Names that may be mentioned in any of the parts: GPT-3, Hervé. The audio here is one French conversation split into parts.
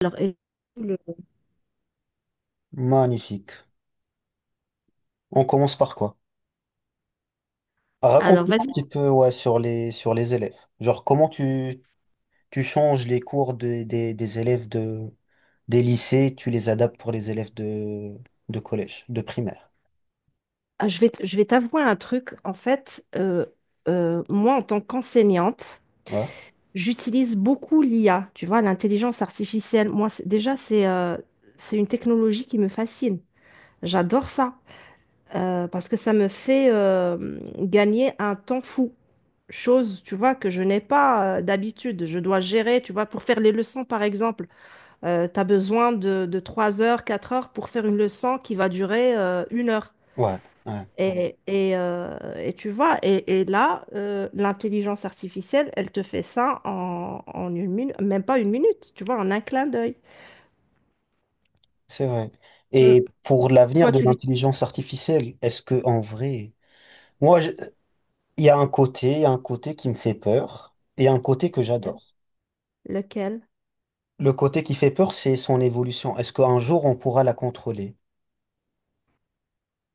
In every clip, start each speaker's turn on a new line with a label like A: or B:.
A: Alors, et- le-
B: Magnifique. On commence par quoi? Ah,
A: alors,
B: raconte-moi un
A: vas-y.
B: petit peu ouais, sur les élèves. Genre, comment tu changes les cours des élèves des lycées, tu les adaptes pour les élèves de collège, de primaire.
A: Ah, je vais t'avouer un truc. En fait, moi, en tant qu'enseignante,
B: Ouais,
A: j'utilise beaucoup l'IA, tu vois, l'intelligence artificielle. Moi, déjà, c'est une technologie qui me fascine. J'adore ça parce que ça me fait gagner un temps fou. Chose, tu vois, que je n'ai pas d'habitude. Je dois gérer, tu vois, pour faire les leçons, par exemple. Tu as besoin de 3 heures, 4 heures pour faire une leçon qui va durer une heure.
B: ouais, ouais,
A: Et tu vois, et là, l'intelligence artificielle, elle te fait ça en une minute, même pas une minute, tu vois, en un clin d'œil.
B: c'est vrai.
A: Mm.
B: Et pour l'avenir
A: Toi,
B: de
A: tu lui...
B: l'intelligence artificielle, est-ce que en vrai, moi, je- il y a un côté, il y a un côté qui me fait peur et un côté que j'adore.
A: Lequel?
B: Le côté qui fait peur, c'est son évolution. Est-ce qu'un jour on pourra la contrôler?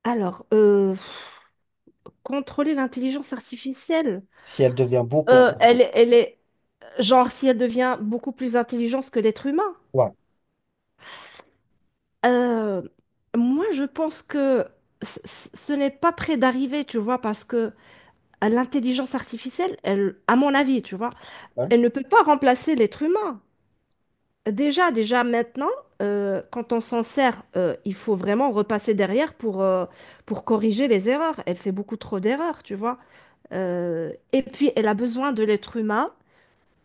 A: Alors, contrôler l'intelligence artificielle,
B: Si elle devient beaucoup
A: Ouais.
B: trop forte.
A: Genre, si elle devient beaucoup plus intelligente que l'être humain.
B: Ouais,
A: Euh, Moi, je pense que ce n'est pas près d'arriver, tu vois, parce que l'intelligence artificielle, elle, à mon avis, tu vois,
B: ouais,
A: elle ne peut pas remplacer l'être humain. Déjà maintenant, quand on s'en sert, il faut vraiment repasser derrière pour corriger les erreurs. Elle fait beaucoup trop d'erreurs, tu vois. Et puis, elle a besoin de l'être humain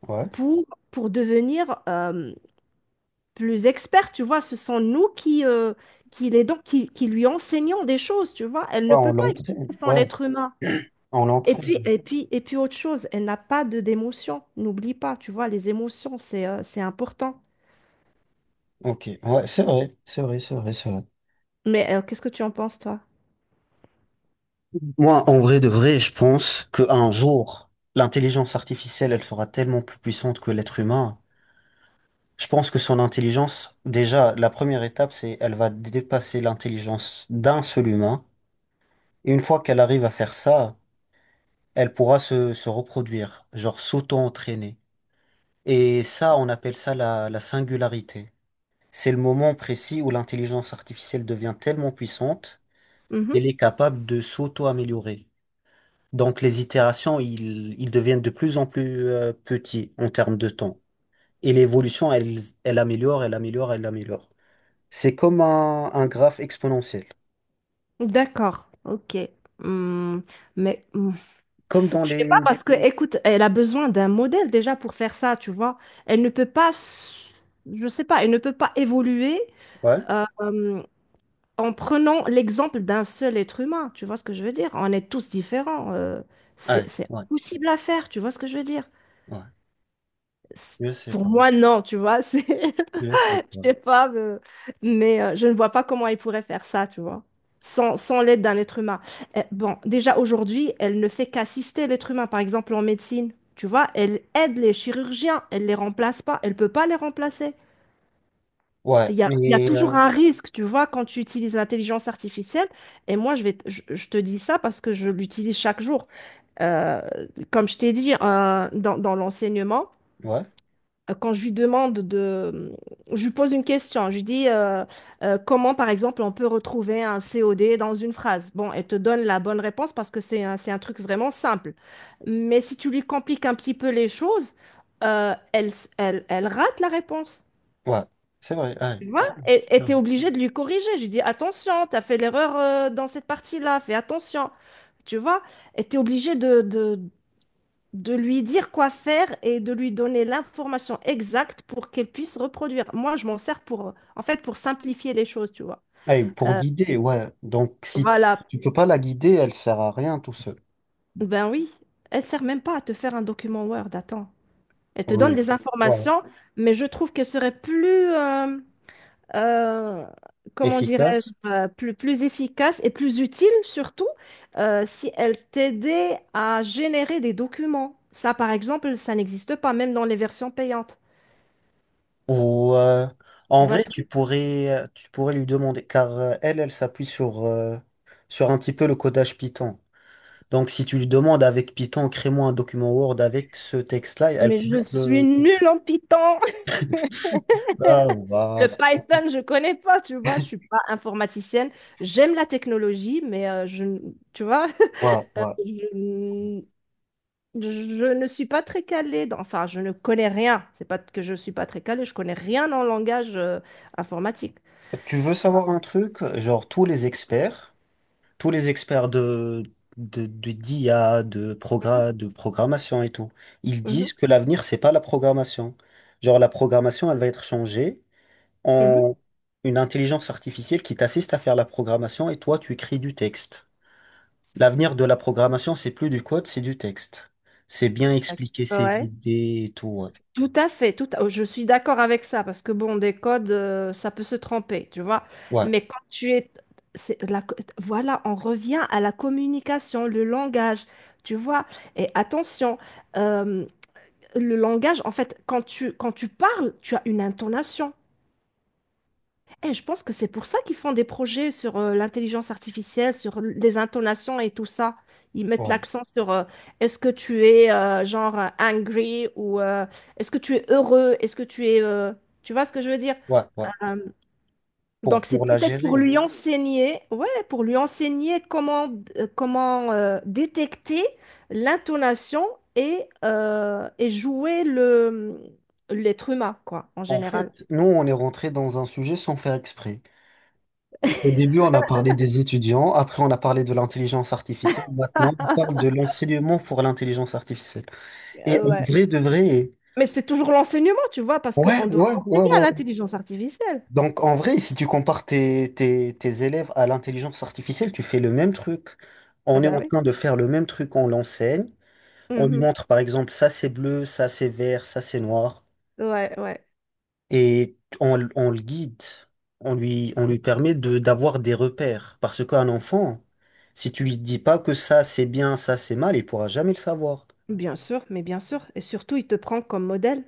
B: ouais.
A: pour, pour devenir plus expert, tu vois. Ce sont nous qui l'aidons, qui lui enseignons des choses, tu vois. Elle ne
B: Ouais,
A: peut
B: on
A: pas
B: l'entraîne.
A: exister sans
B: Ouais,
A: l'être humain.
B: on
A: Et puis,
B: l'entraîne.
A: et puis, et puis autre chose, elle n'a pas de d'émotion. N'oublie pas, tu vois, les émotions, c'est important.
B: Ok, ouais, c'est vrai, c'est vrai, c'est vrai, c'est vrai.
A: Mais qu'est-ce que tu en penses, toi?
B: Moi, en vrai de vrai, je pense qu'un jour, l'intelligence artificielle, elle sera tellement plus puissante que l'être humain. Je pense que son intelligence, déjà, la première étape, c'est elle va dépasser l'intelligence d'un seul humain. Et une fois qu'elle arrive à faire ça, elle pourra se reproduire, genre s'auto-entraîner. Et ça, on appelle ça la singularité. C'est le moment précis où l'intelligence artificielle devient tellement puissante qu'elle
A: Mhm.
B: est capable de s'auto-améliorer. Donc les itérations, ils deviennent de plus en plus petits en termes de temps. Et l'évolution, elle améliore, elle améliore, elle améliore. C'est comme un graphe exponentiel.
A: D'accord, ok. Hmm. Mais
B: Comme dans
A: je sais pas
B: les.
A: parce que, écoute, elle a besoin d'un modèle déjà pour faire ça, tu vois. Elle ne peut pas, je sais pas, elle ne peut pas évoluer
B: Ouais,
A: euh, euh, en prenant l'exemple d'un seul être humain. Tu vois ce que je veux dire? On est tous différents. C'est
B: ouais,
A: c'est
B: ouais,
A: impossible à faire, tu vois ce que je veux dire?
B: ouais.
A: C'est-
B: Je sais
A: Pour
B: pas.
A: moi, non, tu vois. C'est Je
B: Je sais pas.
A: sais pas, mais, je ne vois pas comment elle pourrait faire ça, tu vois, sans l'aide d'un être humain. Eh, bon, déjà aujourd'hui, elle ne fait qu'assister l'être humain, par exemple en médecine, tu vois, elle aide les chirurgiens, elle les remplace pas, elle peut pas les remplacer. Il
B: Ouais,
A: y a, il y a
B: mais,
A: toujours un risque, tu vois, quand tu utilises l'intelligence artificielle. Et moi, je te dis ça parce que je l'utilise chaque jour. Euh, Comme je t'ai dit, dans l'enseignement
B: ouais,
A: quand je lui demande de... Je lui pose une question. Je lui dis comment, par exemple, on peut retrouver un COD dans une phrase. Bon, elle te donne la bonne réponse parce que c'est un truc vraiment simple. Mais si tu lui compliques un petit peu les choses, elle rate la réponse.
B: ouais. C'est vrai, ouais,
A: Tu
B: c'est
A: vois? Et
B: vrai.
A: t'es obligé de lui corriger. Je lui dis attention, t'as fait l'erreur dans cette partie-là, fais attention. Tu vois? Et t'es obligé de lui dire quoi faire et de lui donner l'information exacte pour qu'elle puisse reproduire. Moi, je m'en sers pour, en fait, pour simplifier les choses, tu vois.
B: Ah, et pour
A: Euh,
B: guider, ouais. Donc, si
A: voilà.
B: tu peux pas la guider, elle sert à rien, tout seul.
A: Ben oui, elle sert même pas à te faire un document Word, attends. Elle te donne
B: Oui.
A: des
B: Ouais.
A: informations, mais je trouve qu'elle serait plus, euh, comment
B: Efficace.
A: dirais-je, plus efficace et plus utile surtout si elle t'aidait à générer des documents. Ça, par exemple, ça n'existe pas, même dans les versions payantes.
B: Ou
A: Tu
B: en
A: vois.
B: vrai, tu pourrais lui demander, car elle s'appuie sur un petit peu le codage Python. Donc, si tu lui demandes avec Python, crée-moi un document Word avec ce texte-là, elle
A: Mais
B: pourrait
A: je
B: te
A: suis
B: le.
A: nulle en Python.
B: Ah,
A: Le
B: ouais,
A: Python, je connais pas, tu vois. Je suis pas informaticienne. J'aime la technologie, mais tu vois,
B: ouais.
A: je, n- je ne suis pas très calée. Enfin, je ne connais rien. C'est pas que je suis pas très calée. Je connais rien en langage informatique.
B: Tu veux
A: Tu vois.
B: savoir un truc? Genre, tous les experts de, d'IA,
A: Mhm,
B: de programmation et tout, ils
A: mhm,
B: disent que l'avenir, c'est pas la programmation. Genre, la programmation, elle va être changée
A: mhm.
B: en une intelligence artificielle qui t'assiste à faire la programmation et toi, tu écris du texte. L'avenir de la programmation, c'est plus du code, c'est du texte. C'est bien
A: D'accord.
B: expliquer ses
A: Ouais.
B: idées et tout.
A: Tout à fait, tout à- Je suis d'accord avec ça parce que bon, des codes, ça peut se tromper, tu vois.
B: Ouais,
A: Mais quand tu es, voilà, on revient à la communication, le langage, tu vois. Et attention, euh, le langage, en fait, quand tu parles, tu as une intonation. Et je pense que c'est pour ça qu'ils font des projets sur l'intelligence artificielle, sur les intonations et tout ça. Ils mettent
B: ouais,
A: l'accent sur est-ce que tu es genre angry ou est-ce que tu es heureux, est-ce que tu es... Tu vois ce que je veux dire?
B: ouais, ouais. Ouais.
A: Euh,
B: Pour,
A: donc c'est
B: pour la
A: peut-être pour
B: gérer.
A: lui enseigner, ouais, pour lui enseigner comment détecter l'intonation et jouer l'être humain, quoi, en
B: En
A: général.
B: fait, nous, on est rentré dans un sujet sans faire exprès. Au début, on a parlé des étudiants, après on a parlé de l'intelligence artificielle, maintenant on parle de l'enseignement pour l'intelligence artificielle. Et en
A: Ouais.
B: vrai, de vrai,
A: Mais c'est toujours l'enseignement, tu vois, parce
B: ouais,
A: qu'on doit
B: ouais, ouais,
A: enseigner à
B: ouais.
A: l'intelligence artificielle.
B: Donc en vrai, si tu compares tes, tes élèves à l'intelligence artificielle, tu fais le même truc.
A: Ah
B: On est
A: bah
B: en
A: oui.
B: train de faire le même truc, on l'enseigne. On lui
A: Mhm.
B: montre par exemple, ça c'est bleu, ça c'est vert, ça c'est noir.
A: Ouais, ouais.
B: Et on le guide, on lui permet de d'avoir des repères. Parce qu'un enfant, si tu lui dis pas que ça c'est bien, ça c'est mal, il pourra jamais le savoir.
A: Bien sûr, mais bien sûr. Et surtout, il te prend comme modèle.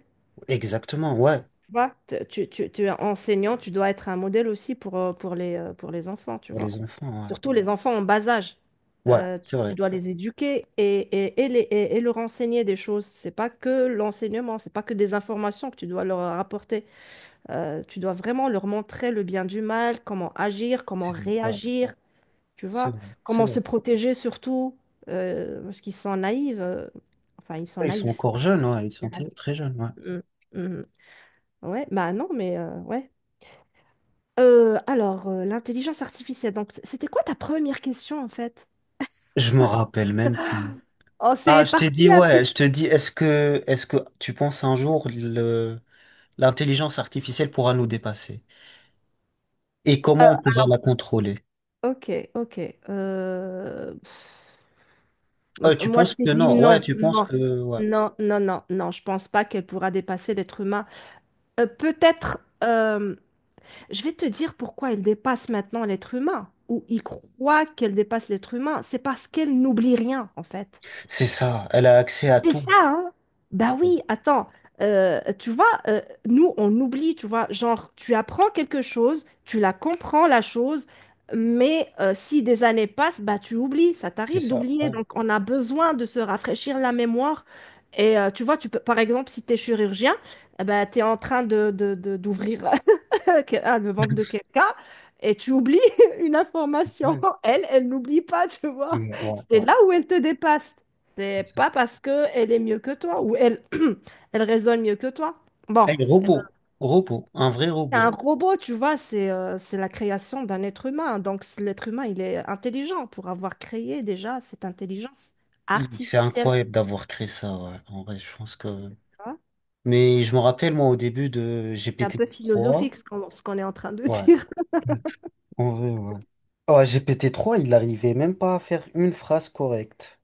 B: Exactement, ouais,
A: Tu vois, tu es enseignant, tu dois être un modèle aussi pour les enfants, tu
B: pour
A: vois.
B: les enfants, ouais.
A: Surtout les enfants en bas âge.
B: Ouais,
A: Euh, tu, tu dois les éduquer et leur enseigner des choses. C'est pas que l'enseignement, c'est pas que des informations que tu dois leur apporter. Tu dois vraiment leur montrer le bien du mal, comment agir, comment
B: c'est vrai, ouais,
A: réagir. Tu
B: c'est
A: vois,
B: vrai, c'est
A: comment se
B: vrai.
A: protéger surtout, parce qu'ils sont naïfs. Enfin, ils sont
B: Ouais, ils sont
A: naïfs.
B: encore jeunes, ouais, ils
A: Mm,
B: sont très très jeunes, ouais.
A: mm, mm. Ouais, bah non, mais ouais. Alors, l'intelligence artificielle, donc c'était quoi ta première question en fait?
B: Je me rappelle même plus.
A: Oh, c'est
B: Ah, je t'ai
A: parti
B: dit,
A: un petit
B: ouais,
A: peu.
B: je te dis, est-ce que tu penses un jour l'intelligence artificielle pourra nous dépasser? Et comment on pourra la
A: Alors,
B: contrôler?
A: ok, ok. euh, pff,
B: Ouais, tu
A: Moi, je
B: penses
A: t'ai
B: que
A: dit
B: non, ouais,
A: non,
B: tu penses
A: non,
B: que ouais.
A: non, non, non, non. Je pense pas qu'elle pourra dépasser l'être humain. Peut-être. Je vais te dire pourquoi elle dépasse maintenant l'être humain, ou il croit qu'elle dépasse l'être humain. C'est parce qu'elle n'oublie rien, en fait
B: C'est ça, elle a accès à tout.
A: ça, hein. Bah oui, attends. Tu vois, nous, on oublie, tu vois, genre, tu apprends quelque chose, tu la comprends, la chose, mais si des années passent, bah tu oublies, ça
B: C'est
A: t'arrive
B: ça,
A: d'oublier.
B: ouais.
A: Donc, on a besoin de se rafraîchir la mémoire. Et tu vois, tu peux, par exemple, si tu es chirurgien, eh ben, tu es en train d'ouvrir le ventre de quelqu'un et tu oublies une information.
B: Ouais,
A: Elle, elle n'oublie pas, tu vois.
B: ouais, ouais,
A: C'est
B: ouais.
A: là où elle te dépasse. C'est
B: C'est ça.
A: pas parce que elle est mieux que toi ou elle, elle raisonne mieux que toi. Bon,
B: Elle est robot, robot, un vrai
A: c'est un
B: robot.
A: Robot, tu vois, c'est la création d'un être humain. Donc l'être humain, il est intelligent pour avoir créé déjà cette intelligence
B: Hi, c'est
A: artificielle.
B: incroyable d'avoir créé ça, ouais. En vrai, je pense que.
A: Tu vois.
B: Mais je me rappelle, moi, au début de
A: C'est un peu
B: GPT-3,
A: philosophique ce qu'on est en train de
B: ouais,
A: dire.
B: en vrai, ouais. Ouais, GPT-3, il n'arrivait même pas à faire une phrase correcte.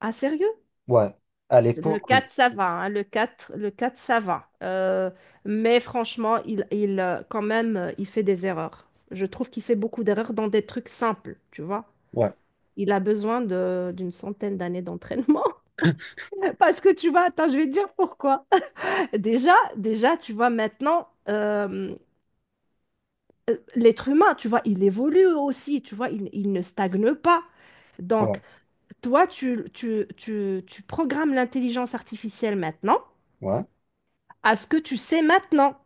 A: Ah, sérieux?
B: Ouais, à
A: Le
B: l'époque, oui.
A: 4 ça va, hein, le quatre ça va. Mais franchement, quand même, il fait des erreurs. Je trouve qu'il fait beaucoup d'erreurs dans des trucs simples, tu vois.
B: Ouais,
A: Il a besoin d'une centaine d'années d'entraînement. Parce que tu vois, attends, je vais te dire pourquoi. Déjà, tu vois, maintenant, l'être humain, tu vois, il, évolue aussi, tu vois, il ne stagne pas. Donc,
B: ouais,
A: toi, tu programmes l'intelligence artificielle maintenant
B: ouais.
A: à ce que tu sais maintenant.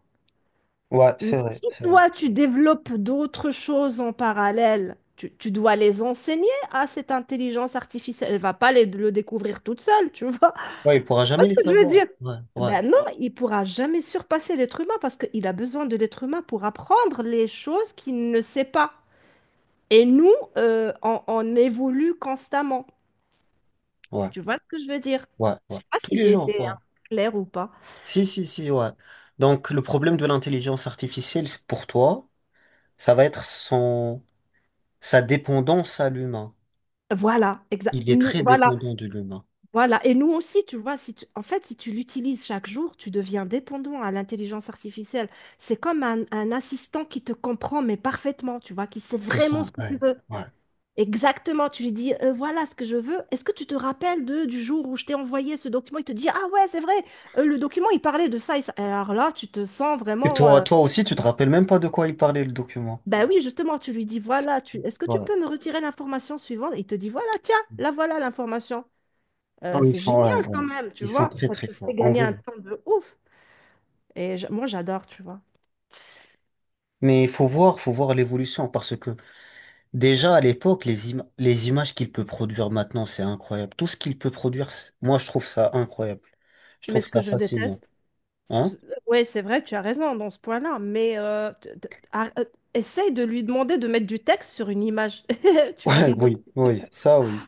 B: Ouais,
A: Mais
B: c'est vrai,
A: si
B: c'est vrai.
A: toi, tu développes d'autres choses en parallèle, tu dois les enseigner à cette intelligence artificielle. Elle va pas le découvrir toute seule, tu vois.
B: Ouais, il pourra
A: Vois
B: jamais
A: ce
B: les
A: que je veux
B: savoir.
A: dire?
B: Ouais, ouais,
A: Ben non, il pourra jamais surpasser l'être humain parce qu'il a besoin de l'être humain pour apprendre les choses qu'il ne sait pas. Et nous, on évolue constamment.
B: ouais.
A: Tu vois ce que je veux dire?
B: Ouais,
A: Je
B: ouais.
A: sais pas
B: Tous
A: si
B: les
A: j'ai
B: jours,
A: été,
B: ouais.
A: hein, claire ou pas.
B: Si, si, si, ouais. Donc, le problème de l'intelligence artificielle, pour toi, ça va être sa dépendance à l'humain.
A: Voilà, exact.
B: Il est
A: Nous,
B: très
A: voilà,
B: dépendant de l'humain.
A: voilà. Et nous aussi, tu vois, si tu- en fait, si tu l'utilises chaque jour, tu deviens dépendant à l'intelligence artificielle. C'est comme un assistant qui te comprend, mais parfaitement, tu vois, qui sait
B: C'est
A: vraiment
B: ça,
A: ce que tu
B: ouais.
A: veux.
B: Ouais.
A: Exactement, tu lui dis, voilà ce que je veux. Est-ce que tu te rappelles du jour où je t'ai envoyé ce document? Il te dit, ah ouais, c'est vrai, le document, il parlait de ça, et ça. Alors là, tu te sens
B: Et
A: vraiment...
B: toi, toi aussi, tu te rappelles même pas de quoi il parlait, le document.
A: Ben oui, justement, tu lui dis, voilà, tu... est-ce que tu
B: Ouais.
A: peux me retirer l'information suivante? Il te dit, voilà, tiens, là voilà l'information.
B: Non, ils
A: C'est
B: sont, ouais,
A: génial quand
B: ouais.
A: même, tu
B: Ils sont
A: vois.
B: très,
A: Ça
B: très
A: te fait
B: forts, en
A: gagner un
B: vrai.
A: temps de ouf. Et moi, j'adore, tu vois.
B: Mais il faut voir l'évolution, parce que déjà, à l'époque, les images qu'il peut produire maintenant, c'est incroyable. Tout ce qu'il peut produire, moi, je trouve ça incroyable. Je
A: Mais
B: trouve
A: ce que
B: ça
A: je
B: fascinant.
A: déteste,
B: Hein?
A: oui, c'est vrai, tu as raison dans ce point-là, mais essaye de lui demander de mettre du texte sur une image. Tu vas
B: Ouais,
A: rigoler.
B: oui, oui, ça, oui,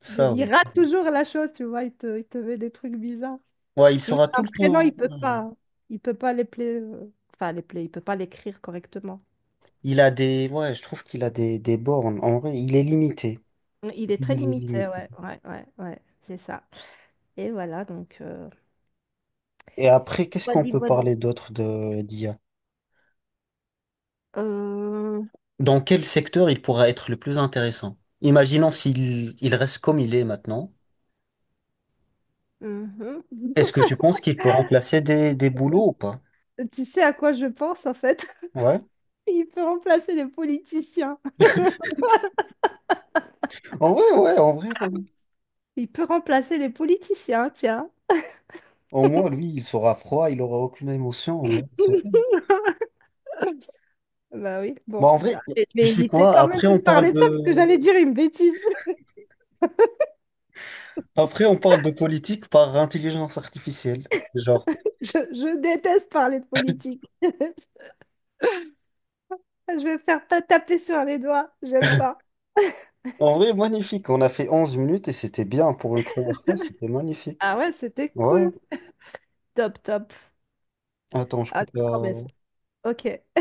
B: ça,
A: Il
B: oui.
A: rate toujours la chose, tu vois, il te met des trucs bizarres.
B: Ouais, il
A: Mais
B: sera tout
A: un
B: le
A: prénom, il
B: temps.
A: peut pas. Il peut pas enfin, les play, il peut pas l'écrire correctement.
B: Il a des. Ouais, je trouve qu'il a des bornes. En vrai, il est limité.
A: Il est
B: Il
A: très
B: est
A: limité,
B: limité.
A: ouais, ouais, ouais, ouais, c'est ça. Et voilà, donc...
B: Et après, qu'est-ce qu'on
A: Wally
B: peut
A: Walou.
B: parler d'autre de d'IA?
A: Euh,
B: Dans quel secteur il pourra être le plus intéressant? Imaginons s'il il reste comme il est maintenant.
A: mhm.
B: Est-ce que tu penses qu'il peut remplacer des boulots ou pas?
A: Tu sais à quoi je pense, en fait?
B: Ouais.
A: Il peut remplacer les politiciens.
B: En vrai, ouais, en vrai, ouais.
A: Il peut remplacer les politiciens, tiens.
B: Au moins, lui, il sera froid, il aura aucune émotion. Ouais, c'est vrai.
A: Bah oui,
B: Bon,
A: bon.
B: en
A: Ah,
B: vrai,
A: je
B: tu
A: vais
B: sais
A: éviter
B: quoi?
A: quand même
B: Après, on
A: de
B: parle
A: parler de ça parce que
B: de.
A: j'allais dire une bêtise.
B: Après, on parle de politique par intelligence artificielle. Genre,
A: Je déteste parler de politique. Je vais faire taper sur les doigts. J'aime pas.
B: en vrai, magnifique. On a fait 11 minutes et c'était bien pour une première fois. C'était magnifique.
A: Ah ouais, c'était
B: Ouais.
A: cool. Top, top.
B: Attends, je
A: Ah,
B: coupe
A: d'accord, mais...
B: la.
A: c'est- Ok.